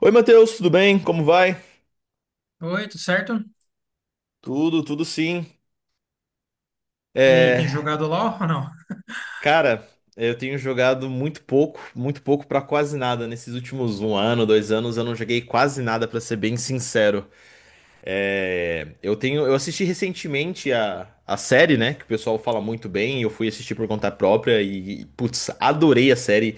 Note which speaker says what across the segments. Speaker 1: Oi, Matheus, tudo bem? Como vai?
Speaker 2: Oi, tudo certo?
Speaker 1: Tudo, sim.
Speaker 2: E aí, tem
Speaker 1: É,
Speaker 2: jogado LOL ou não?
Speaker 1: Cara, eu tenho jogado muito pouco pra quase nada. Nesses últimos um ano, dois anos, eu não joguei quase nada, pra ser bem sincero. Eu assisti recentemente a série, né? Que o pessoal fala muito bem. Eu fui assistir por conta própria e, putz, adorei a série.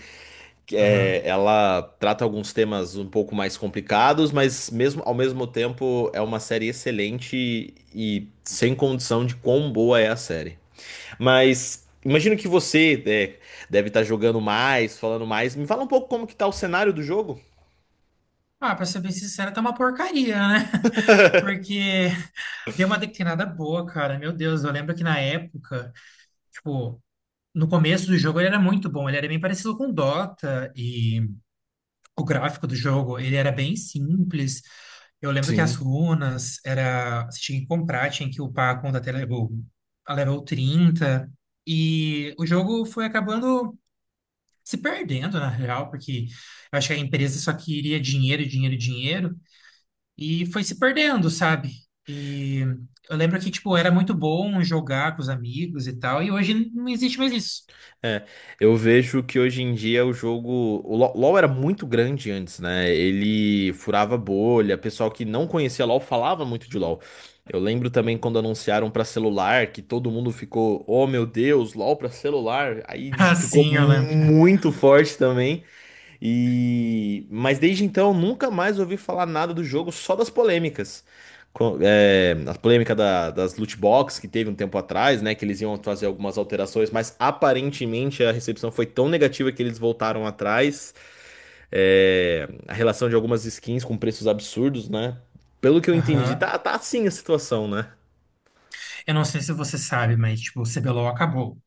Speaker 2: Aham.
Speaker 1: Ela trata alguns temas um pouco mais complicados, mas mesmo ao mesmo tempo é uma série excelente e sem condição de quão boa é a série. Mas imagino que deve estar jogando mais, falando mais. Me fala um pouco como que tá o cenário do jogo?
Speaker 2: Ah, pra ser bem sincero, tá uma porcaria, né? Porque deu uma declinada boa, cara. Meu Deus, eu lembro que na época, tipo, no começo do jogo ele era muito bom. Ele era bem parecido com Dota e o gráfico do jogo, ele era bem simples. Eu lembro que as
Speaker 1: Sim.
Speaker 2: runas era, você tinha que comprar, tinha que upar a conta até level, a level trinta. E o jogo foi acabando se perdendo, na real, porque eu acho que a empresa só queria dinheiro, dinheiro, dinheiro, e foi se perdendo, sabe? E eu lembro que, tipo, era muito bom jogar com os amigos e tal, e hoje não existe mais isso.
Speaker 1: É, eu vejo que hoje em dia o jogo. O LoL era muito grande antes, né? Ele furava bolha, pessoal que não conhecia LoL falava muito de LoL. Eu lembro também quando anunciaram pra celular que todo mundo ficou, oh meu Deus, LoL pra celular. Aí
Speaker 2: Ah,
Speaker 1: ficou
Speaker 2: sim, eu lembro.
Speaker 1: muito forte também. E mas desde então nunca mais ouvi falar nada do jogo, só das polêmicas. A polêmica das loot box que teve um tempo atrás, né? Que eles iam fazer algumas alterações, mas aparentemente a recepção foi tão negativa que eles voltaram atrás. A relação de algumas skins com preços absurdos, né? Pelo que eu entendi,
Speaker 2: Aham.
Speaker 1: tá assim a situação, né?
Speaker 2: Eu não sei se você sabe, mas, tipo, o CBLOL acabou.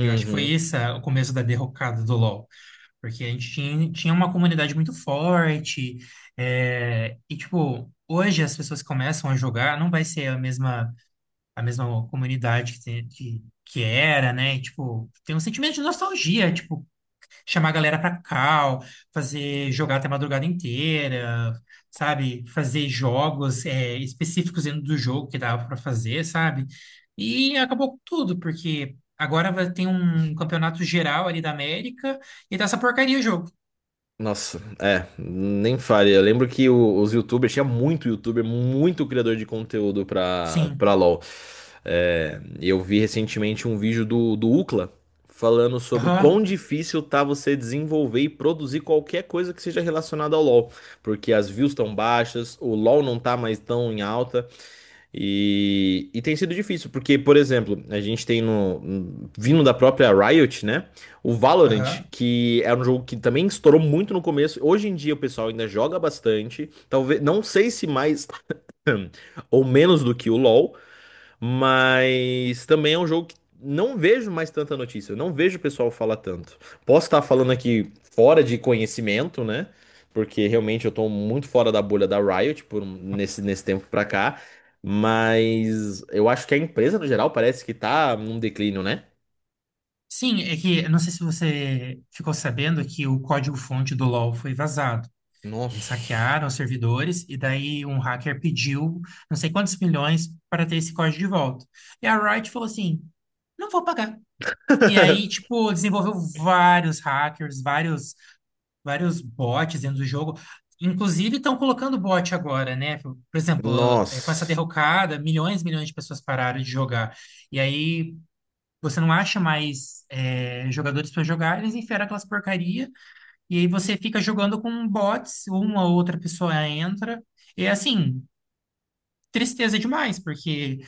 Speaker 2: Eu acho que foi esse o começo da derrocada do LoL. Porque a gente tinha uma comunidade muito forte, e, tipo, hoje as pessoas que começam a jogar, não vai ser a mesma comunidade que era, né? E, tipo, tem um sentimento de nostalgia, tipo, chamar a galera pra cal, fazer jogar até a madrugada inteira, sabe? Fazer jogos específicos dentro do jogo que dava pra fazer, sabe? E acabou com tudo, porque agora vai ter um campeonato geral ali da América e tá essa porcaria o jogo.
Speaker 1: Nossa, é, nem fale. Eu lembro que os YouTubers, tinha muito YouTuber, muito criador de conteúdo pra
Speaker 2: Sim.
Speaker 1: LoL. Eu vi recentemente um vídeo do ucla falando sobre quão
Speaker 2: Aham.
Speaker 1: difícil tá você desenvolver e produzir qualquer coisa que seja relacionada ao LoL. Porque as views estão baixas, o LoL não tá mais tão em alta. E tem sido difícil, porque, por exemplo, a gente tem no, vindo da própria Riot, né? O Valorant,
Speaker 2: Aham.
Speaker 1: que era um jogo que também estourou muito no começo, hoje em dia o pessoal ainda joga bastante, talvez, não sei se mais ou menos do que o LoL, mas também é um jogo que não vejo mais tanta notícia, não vejo o pessoal falar tanto. Posso estar falando aqui fora de conhecimento, né? Porque realmente eu tô muito fora da bolha da Riot por nesse tempo pra cá, mas eu acho que a empresa no geral parece que tá num declínio, né?
Speaker 2: Sim, é que eu não sei se você ficou sabendo que o código-fonte do LoL foi vazado. Eles
Speaker 1: Nossa.
Speaker 2: saquearam os servidores e daí um hacker pediu não sei quantos milhões para ter esse código de volta. E a Riot falou assim: não vou pagar. E aí, tipo, desenvolveu vários hackers, vários bots dentro do jogo. Inclusive, estão colocando bot agora, né? Por exemplo, com essa
Speaker 1: Nossa.
Speaker 2: derrocada, milhões e milhões de pessoas pararam de jogar. E aí, você não acha mais jogadores para jogar, eles enfiaram aquelas porcaria e aí você fica jogando com bots, uma ou outra pessoa entra. E assim, tristeza demais, porque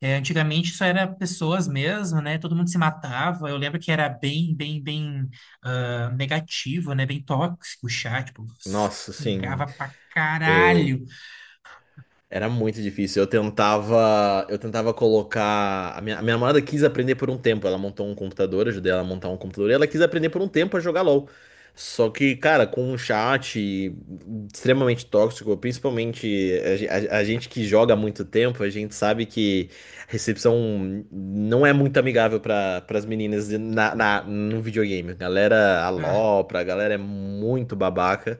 Speaker 2: antigamente só era pessoas mesmo, né? Todo mundo se matava. Eu lembro que era bem, bem, bem negativo, né? Bem tóxico o chat, tipo,
Speaker 1: Nossa, sim,
Speaker 2: xingava pra
Speaker 1: eu
Speaker 2: caralho.
Speaker 1: era muito difícil. Eu tentava colocar. A minha namorada quis aprender por um tempo. Ela montou um computador, eu ajudei ela a montar um computador e ela quis aprender por um tempo a jogar LoL. Só que, cara, com um chat extremamente tóxico, principalmente a gente que joga há muito tempo, a gente sabe que a recepção não é muito amigável para as meninas na, no videogame. Galera alopra, a
Speaker 2: Ah,
Speaker 1: LOL, pra galera é muito babaca.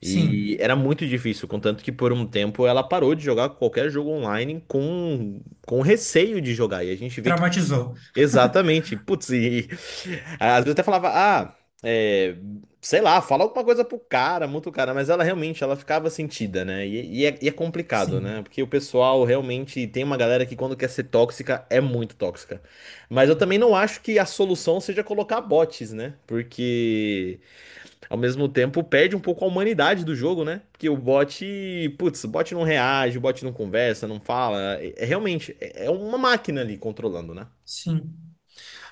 Speaker 1: E
Speaker 2: sim,
Speaker 1: era muito difícil, contanto que por um tempo ela parou de jogar qualquer jogo online com receio de jogar. E a gente vê que. Tipo,
Speaker 2: traumatizou.
Speaker 1: exatamente. Putz, e às vezes até falava, é, sei lá, fala alguma coisa pro cara, muito cara, mas ela realmente ela ficava sentida, né? E é complicado, né?
Speaker 2: Sim,
Speaker 1: Porque o pessoal realmente tem uma galera que quando quer ser tóxica é muito tóxica. Mas eu também não acho que a solução seja colocar bots, né? Porque. Ao mesmo tempo, perde um pouco a humanidade do jogo, né? Porque o bot, putz, o bot não reage, o bot não conversa, não fala. É é uma máquina ali controlando, né?
Speaker 2: sim.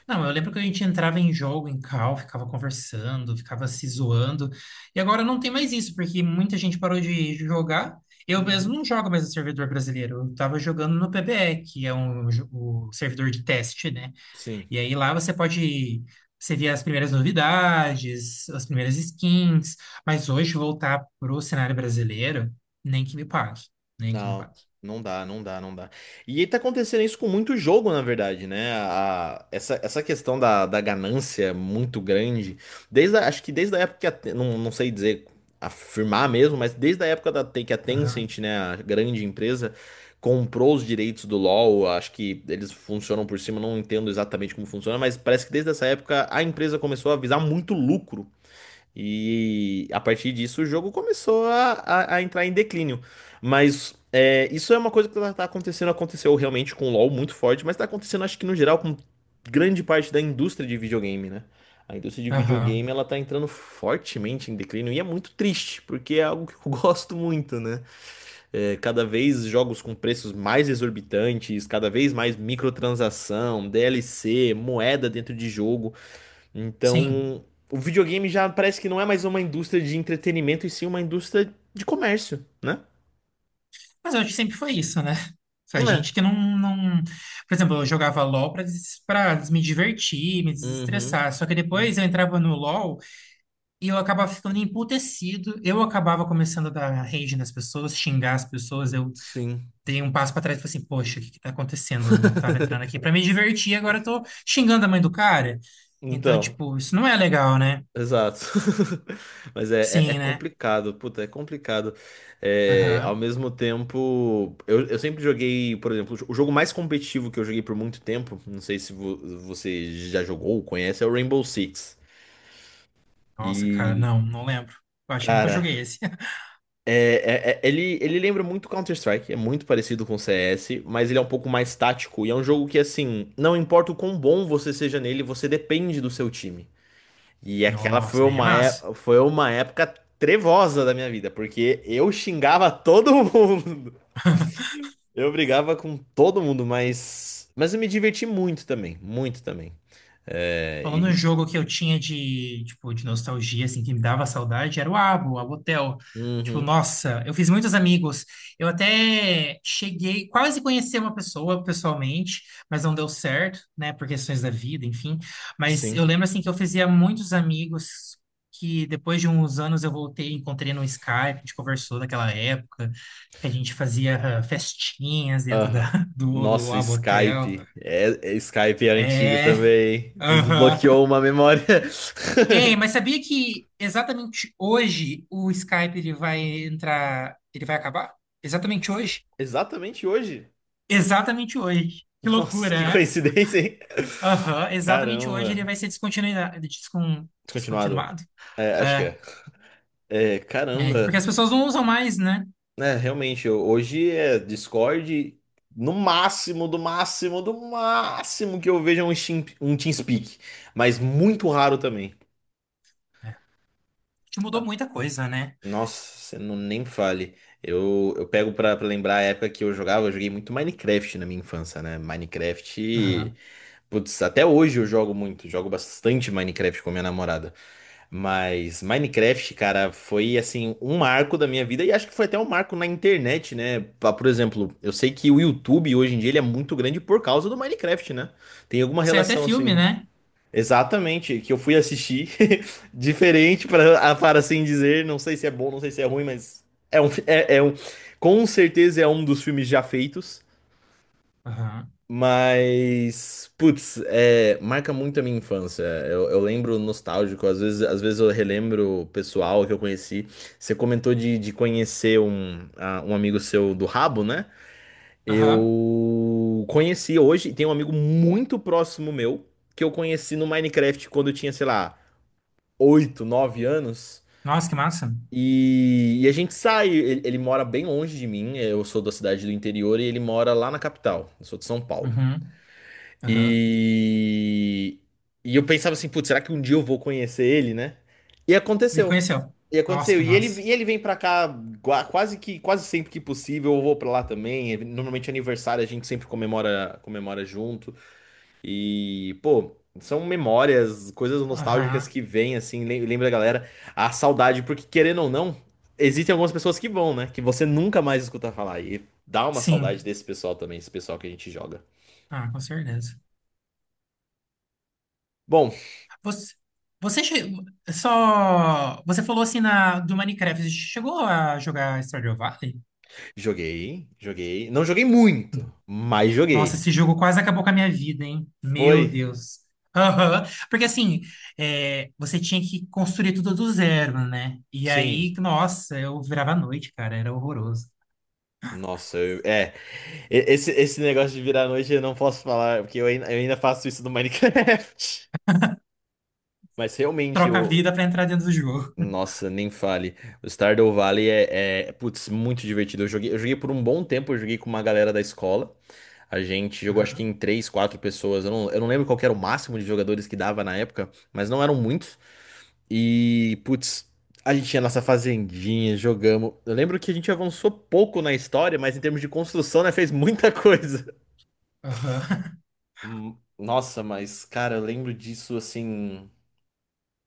Speaker 2: Não, eu lembro que a gente entrava em jogo, em call, ficava conversando, ficava se zoando. E agora não tem mais isso, porque muita gente parou de jogar. Eu
Speaker 1: Uhum.
Speaker 2: mesmo não jogo mais no servidor brasileiro. Eu tava jogando no PBE, que é o servidor de teste, né?
Speaker 1: Sim.
Speaker 2: E aí lá você pode. Você vê as primeiras novidades, as primeiras skins. Mas hoje voltar pro cenário brasileiro, nem que me pague. Nem que me
Speaker 1: Não,
Speaker 2: pague.
Speaker 1: não dá, não dá, não dá. E tá acontecendo isso com muito jogo, na verdade, né? Essa questão da, da ganância é muito grande, desde acho que desde a época que a não, não sei dizer, afirmar mesmo, mas desde a época da, que a
Speaker 2: Aham,
Speaker 1: Tencent, né, a grande empresa, comprou os direitos do LoL, acho que eles funcionam por cima, não entendo exatamente como funciona, mas parece que desde essa época a empresa começou a visar muito lucro. E a partir disso o jogo começou a entrar em declínio. Mas é, isso é uma coisa que tá acontecendo, aconteceu realmente com o LoL muito forte, mas tá acontecendo acho que no geral com grande parte da indústria de videogame, né? A indústria de
Speaker 2: aham,
Speaker 1: videogame ela tá entrando fortemente em declínio e é muito triste, porque é algo que eu gosto muito, né? É, cada vez jogos com preços mais exorbitantes, cada vez mais microtransação, DLC, moeda dentro de jogo.
Speaker 2: sim.
Speaker 1: Então, o videogame já parece que não é mais uma indústria de entretenimento e sim uma indústria de comércio, né?
Speaker 2: Mas eu acho que sempre foi isso, né? A gente
Speaker 1: É.
Speaker 2: que não, não... Por exemplo, eu jogava LOL pra me divertir, me
Speaker 1: Uhum.
Speaker 2: desestressar. Só que
Speaker 1: Uhum.
Speaker 2: depois eu entrava no LOL e eu acabava ficando emputecido. Eu acabava começando a dar rage nas pessoas, xingar as pessoas. Eu
Speaker 1: Sim.
Speaker 2: dei um passo para trás e falei assim, poxa, o que que tá acontecendo? Eu tava entrando aqui para me divertir, agora eu tô xingando a mãe do cara. Então,
Speaker 1: Então,
Speaker 2: tipo, isso não é legal, né?
Speaker 1: exato. Mas é
Speaker 2: Sim, né?
Speaker 1: complicado, puta, é complicado. É, ao
Speaker 2: Aham.
Speaker 1: mesmo tempo, eu sempre joguei, por exemplo, o jogo mais competitivo que eu joguei por muito tempo, não sei se vo- você já jogou ou conhece, é o Rainbow Six.
Speaker 2: Nossa, cara,
Speaker 1: E,
Speaker 2: não, não lembro. Eu acho que eu nunca
Speaker 1: cara,
Speaker 2: joguei esse.
Speaker 1: Ele lembra muito Counter-Strike, é muito parecido com o CS, mas ele é um pouco mais tático e é um jogo que, assim, não importa o quão bom você seja nele, você depende do seu time. E aquela foi
Speaker 2: Nossa, daí é massa.
Speaker 1: foi uma época trevosa da minha vida, porque eu xingava todo mundo. Eu brigava com todo mundo, mas eu me diverti muito também, muito também. É,
Speaker 2: Falando um
Speaker 1: e,
Speaker 2: jogo que eu tinha de, tipo, de nostalgia, assim, que me dava saudade, era o Abo Hotel. Tipo,
Speaker 1: uhum,
Speaker 2: nossa, eu fiz muitos amigos. Eu até cheguei, quase conheci uma pessoa pessoalmente, mas não deu certo, né, por questões da vida, enfim. Mas
Speaker 1: sim.
Speaker 2: eu lembro, assim, que eu fazia muitos amigos que depois de uns anos eu voltei, encontrei no Skype, a gente conversou daquela época, que a gente fazia festinhas dentro da,
Speaker 1: Aham.
Speaker 2: do
Speaker 1: Nossa,
Speaker 2: Abo Hotel.
Speaker 1: Skype. É, Skype é antigo
Speaker 2: É,
Speaker 1: também. Me
Speaker 2: aham.
Speaker 1: desbloqueou uma memória.
Speaker 2: É, mas sabia que exatamente hoje o Skype ele vai entrar, ele vai acabar? Exatamente hoje?
Speaker 1: Exatamente hoje.
Speaker 2: Exatamente hoje. Que loucura,
Speaker 1: Nossa, que
Speaker 2: né?
Speaker 1: coincidência, hein?
Speaker 2: Aham, exatamente hoje ele
Speaker 1: Caramba.
Speaker 2: vai ser descontinuado, descon,
Speaker 1: Descontinuado.
Speaker 2: descontinuado.
Speaker 1: É, acho que
Speaker 2: É,
Speaker 1: é. É,
Speaker 2: é, porque as
Speaker 1: caramba.
Speaker 2: pessoas não usam mais, né?
Speaker 1: É, realmente, hoje é Discord. No máximo, do máximo, do máximo que eu vejo é um, um TeamSpeak. Mas muito raro também.
Speaker 2: É, que mudou muita coisa, né?
Speaker 1: Nossa, você não nem fale. Eu pego pra lembrar a época que eu jogava, eu joguei muito Minecraft na minha infância, né? Minecraft,
Speaker 2: Aham.
Speaker 1: putz, até hoje eu jogo muito, jogo bastante Minecraft com a minha namorada. Mas Minecraft, cara, foi assim um marco da minha vida e acho que foi até um marco na internet, né? Por exemplo, eu sei que o YouTube hoje em dia ele é muito grande por causa do Minecraft, né? Tem alguma
Speaker 2: Saiu até
Speaker 1: relação
Speaker 2: filme,
Speaker 1: assim?
Speaker 2: né?
Speaker 1: Exatamente, que eu fui assistir, diferente para para assim dizer, não sei se é bom, não sei se é ruim, mas é é um, com certeza é um dos filmes já feitos,
Speaker 2: Aham.
Speaker 1: mas putz, é, marca muito a minha infância. Eu lembro nostálgico, às vezes eu relembro o pessoal que eu conheci. Você comentou de conhecer um amigo seu do rabo, né?
Speaker 2: Aham.
Speaker 1: Eu conheci hoje, tem um amigo muito próximo meu que eu conheci no Minecraft quando eu tinha, sei lá, 8 9 anos.
Speaker 2: Nossa, que massa.
Speaker 1: E a gente sai. Ele mora bem longe de mim. Eu sou da cidade do interior e ele mora lá na capital. Eu sou de São Paulo.
Speaker 2: Uhum. Aham.
Speaker 1: E, e eu pensava assim, putz, será que um dia eu vou conhecer ele, né? E
Speaker 2: Me
Speaker 1: aconteceu.
Speaker 2: conheceu.
Speaker 1: E
Speaker 2: Nossa,
Speaker 1: aconteceu.
Speaker 2: que massa.
Speaker 1: E ele vem pra cá quase que quase sempre que possível. Eu vou pra lá também. Normalmente aniversário a gente sempre comemora junto. E, pô, são memórias, coisas nostálgicas
Speaker 2: Aham.
Speaker 1: que vêm, assim, lembra a galera a saudade, porque querendo ou não, existem algumas pessoas que vão, né? Que você nunca mais escuta falar. E dá uma saudade
Speaker 2: Sim.
Speaker 1: desse pessoal também, esse pessoal que a gente joga.
Speaker 2: Ah, com certeza.
Speaker 1: Bom,
Speaker 2: Você, você che- só. Você falou assim na, do Minecraft. Você chegou a jogar Stardew Valley?
Speaker 1: joguei, joguei. Não joguei muito, mas
Speaker 2: Nossa,
Speaker 1: joguei.
Speaker 2: esse jogo quase acabou com a minha vida, hein?
Speaker 1: Foi?
Speaker 2: Meu Deus. Aham. Porque assim, você tinha que construir tudo do zero, né? E
Speaker 1: Sim.
Speaker 2: aí, nossa, eu virava à noite, cara. Era horroroso.
Speaker 1: Nossa, é. Esse negócio de virar a noite eu não posso falar, porque eu ainda faço isso no Minecraft. Mas realmente,
Speaker 2: Troca a vida pra entrar dentro do jogo.
Speaker 1: nossa, nem fale. O Stardew Valley putz, muito divertido. Eu joguei por um bom tempo, eu joguei com uma galera da escola. A gente jogou acho que
Speaker 2: Aham,
Speaker 1: em três, quatro pessoas. Eu não lembro qual que era o máximo de jogadores que dava na época, mas não eram muitos. E, putz, a gente tinha nossa fazendinha, jogamos. Eu lembro que a gente avançou pouco na história, mas em termos de construção, né, fez muita coisa.
Speaker 2: aham.
Speaker 1: Nossa, mas, cara, eu lembro disso assim,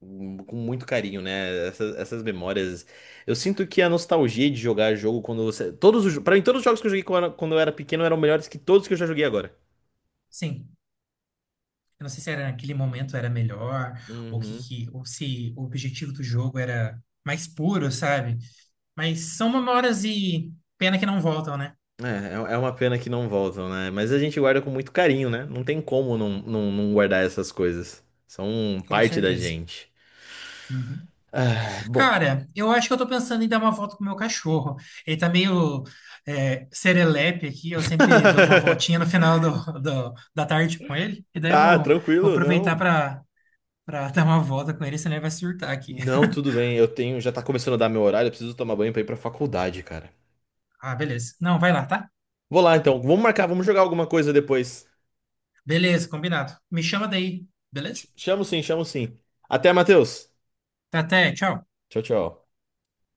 Speaker 1: com muito carinho, né? Essas memórias. Eu sinto que a nostalgia de jogar jogo quando você. Pra mim, todos os jogos que eu joguei quando eu era pequeno eram melhores que todos que eu já joguei agora.
Speaker 2: Sim, eu não sei se era naquele momento era melhor, ou que,
Speaker 1: Uhum.
Speaker 2: que- ou se o objetivo do jogo era mais puro, sabe? Mas são memórias e pena que não voltam, né?
Speaker 1: É é uma pena que não voltam, né? Mas a gente guarda com muito carinho, né? Não tem como não, não, não guardar essas coisas. São
Speaker 2: Com
Speaker 1: parte da
Speaker 2: certeza.
Speaker 1: gente.
Speaker 2: Uhum.
Speaker 1: Ah, bom.
Speaker 2: Cara, eu acho que eu tô pensando em dar uma volta com o meu cachorro. Ele tá meio serelepe aqui, eu sempre dou uma voltinha no final da tarde com ele. E daí eu
Speaker 1: Tá,
Speaker 2: vou
Speaker 1: tranquilo,
Speaker 2: aproveitar
Speaker 1: não.
Speaker 2: pra dar uma volta com ele, senão ele vai surtar aqui.
Speaker 1: Não, tudo bem. Eu tenho, já tá começando a dar meu horário, eu preciso tomar banho pra ir pra faculdade, cara.
Speaker 2: Ah, beleza. Não, vai lá, tá?
Speaker 1: Vou lá então. Vamos marcar, vamos jogar alguma coisa depois.
Speaker 2: Beleza, combinado. Me chama daí, beleza?
Speaker 1: Chamo sim, chamo sim. Até, Matheus.
Speaker 2: Tá, até, tchau.
Speaker 1: Tchau, tchau.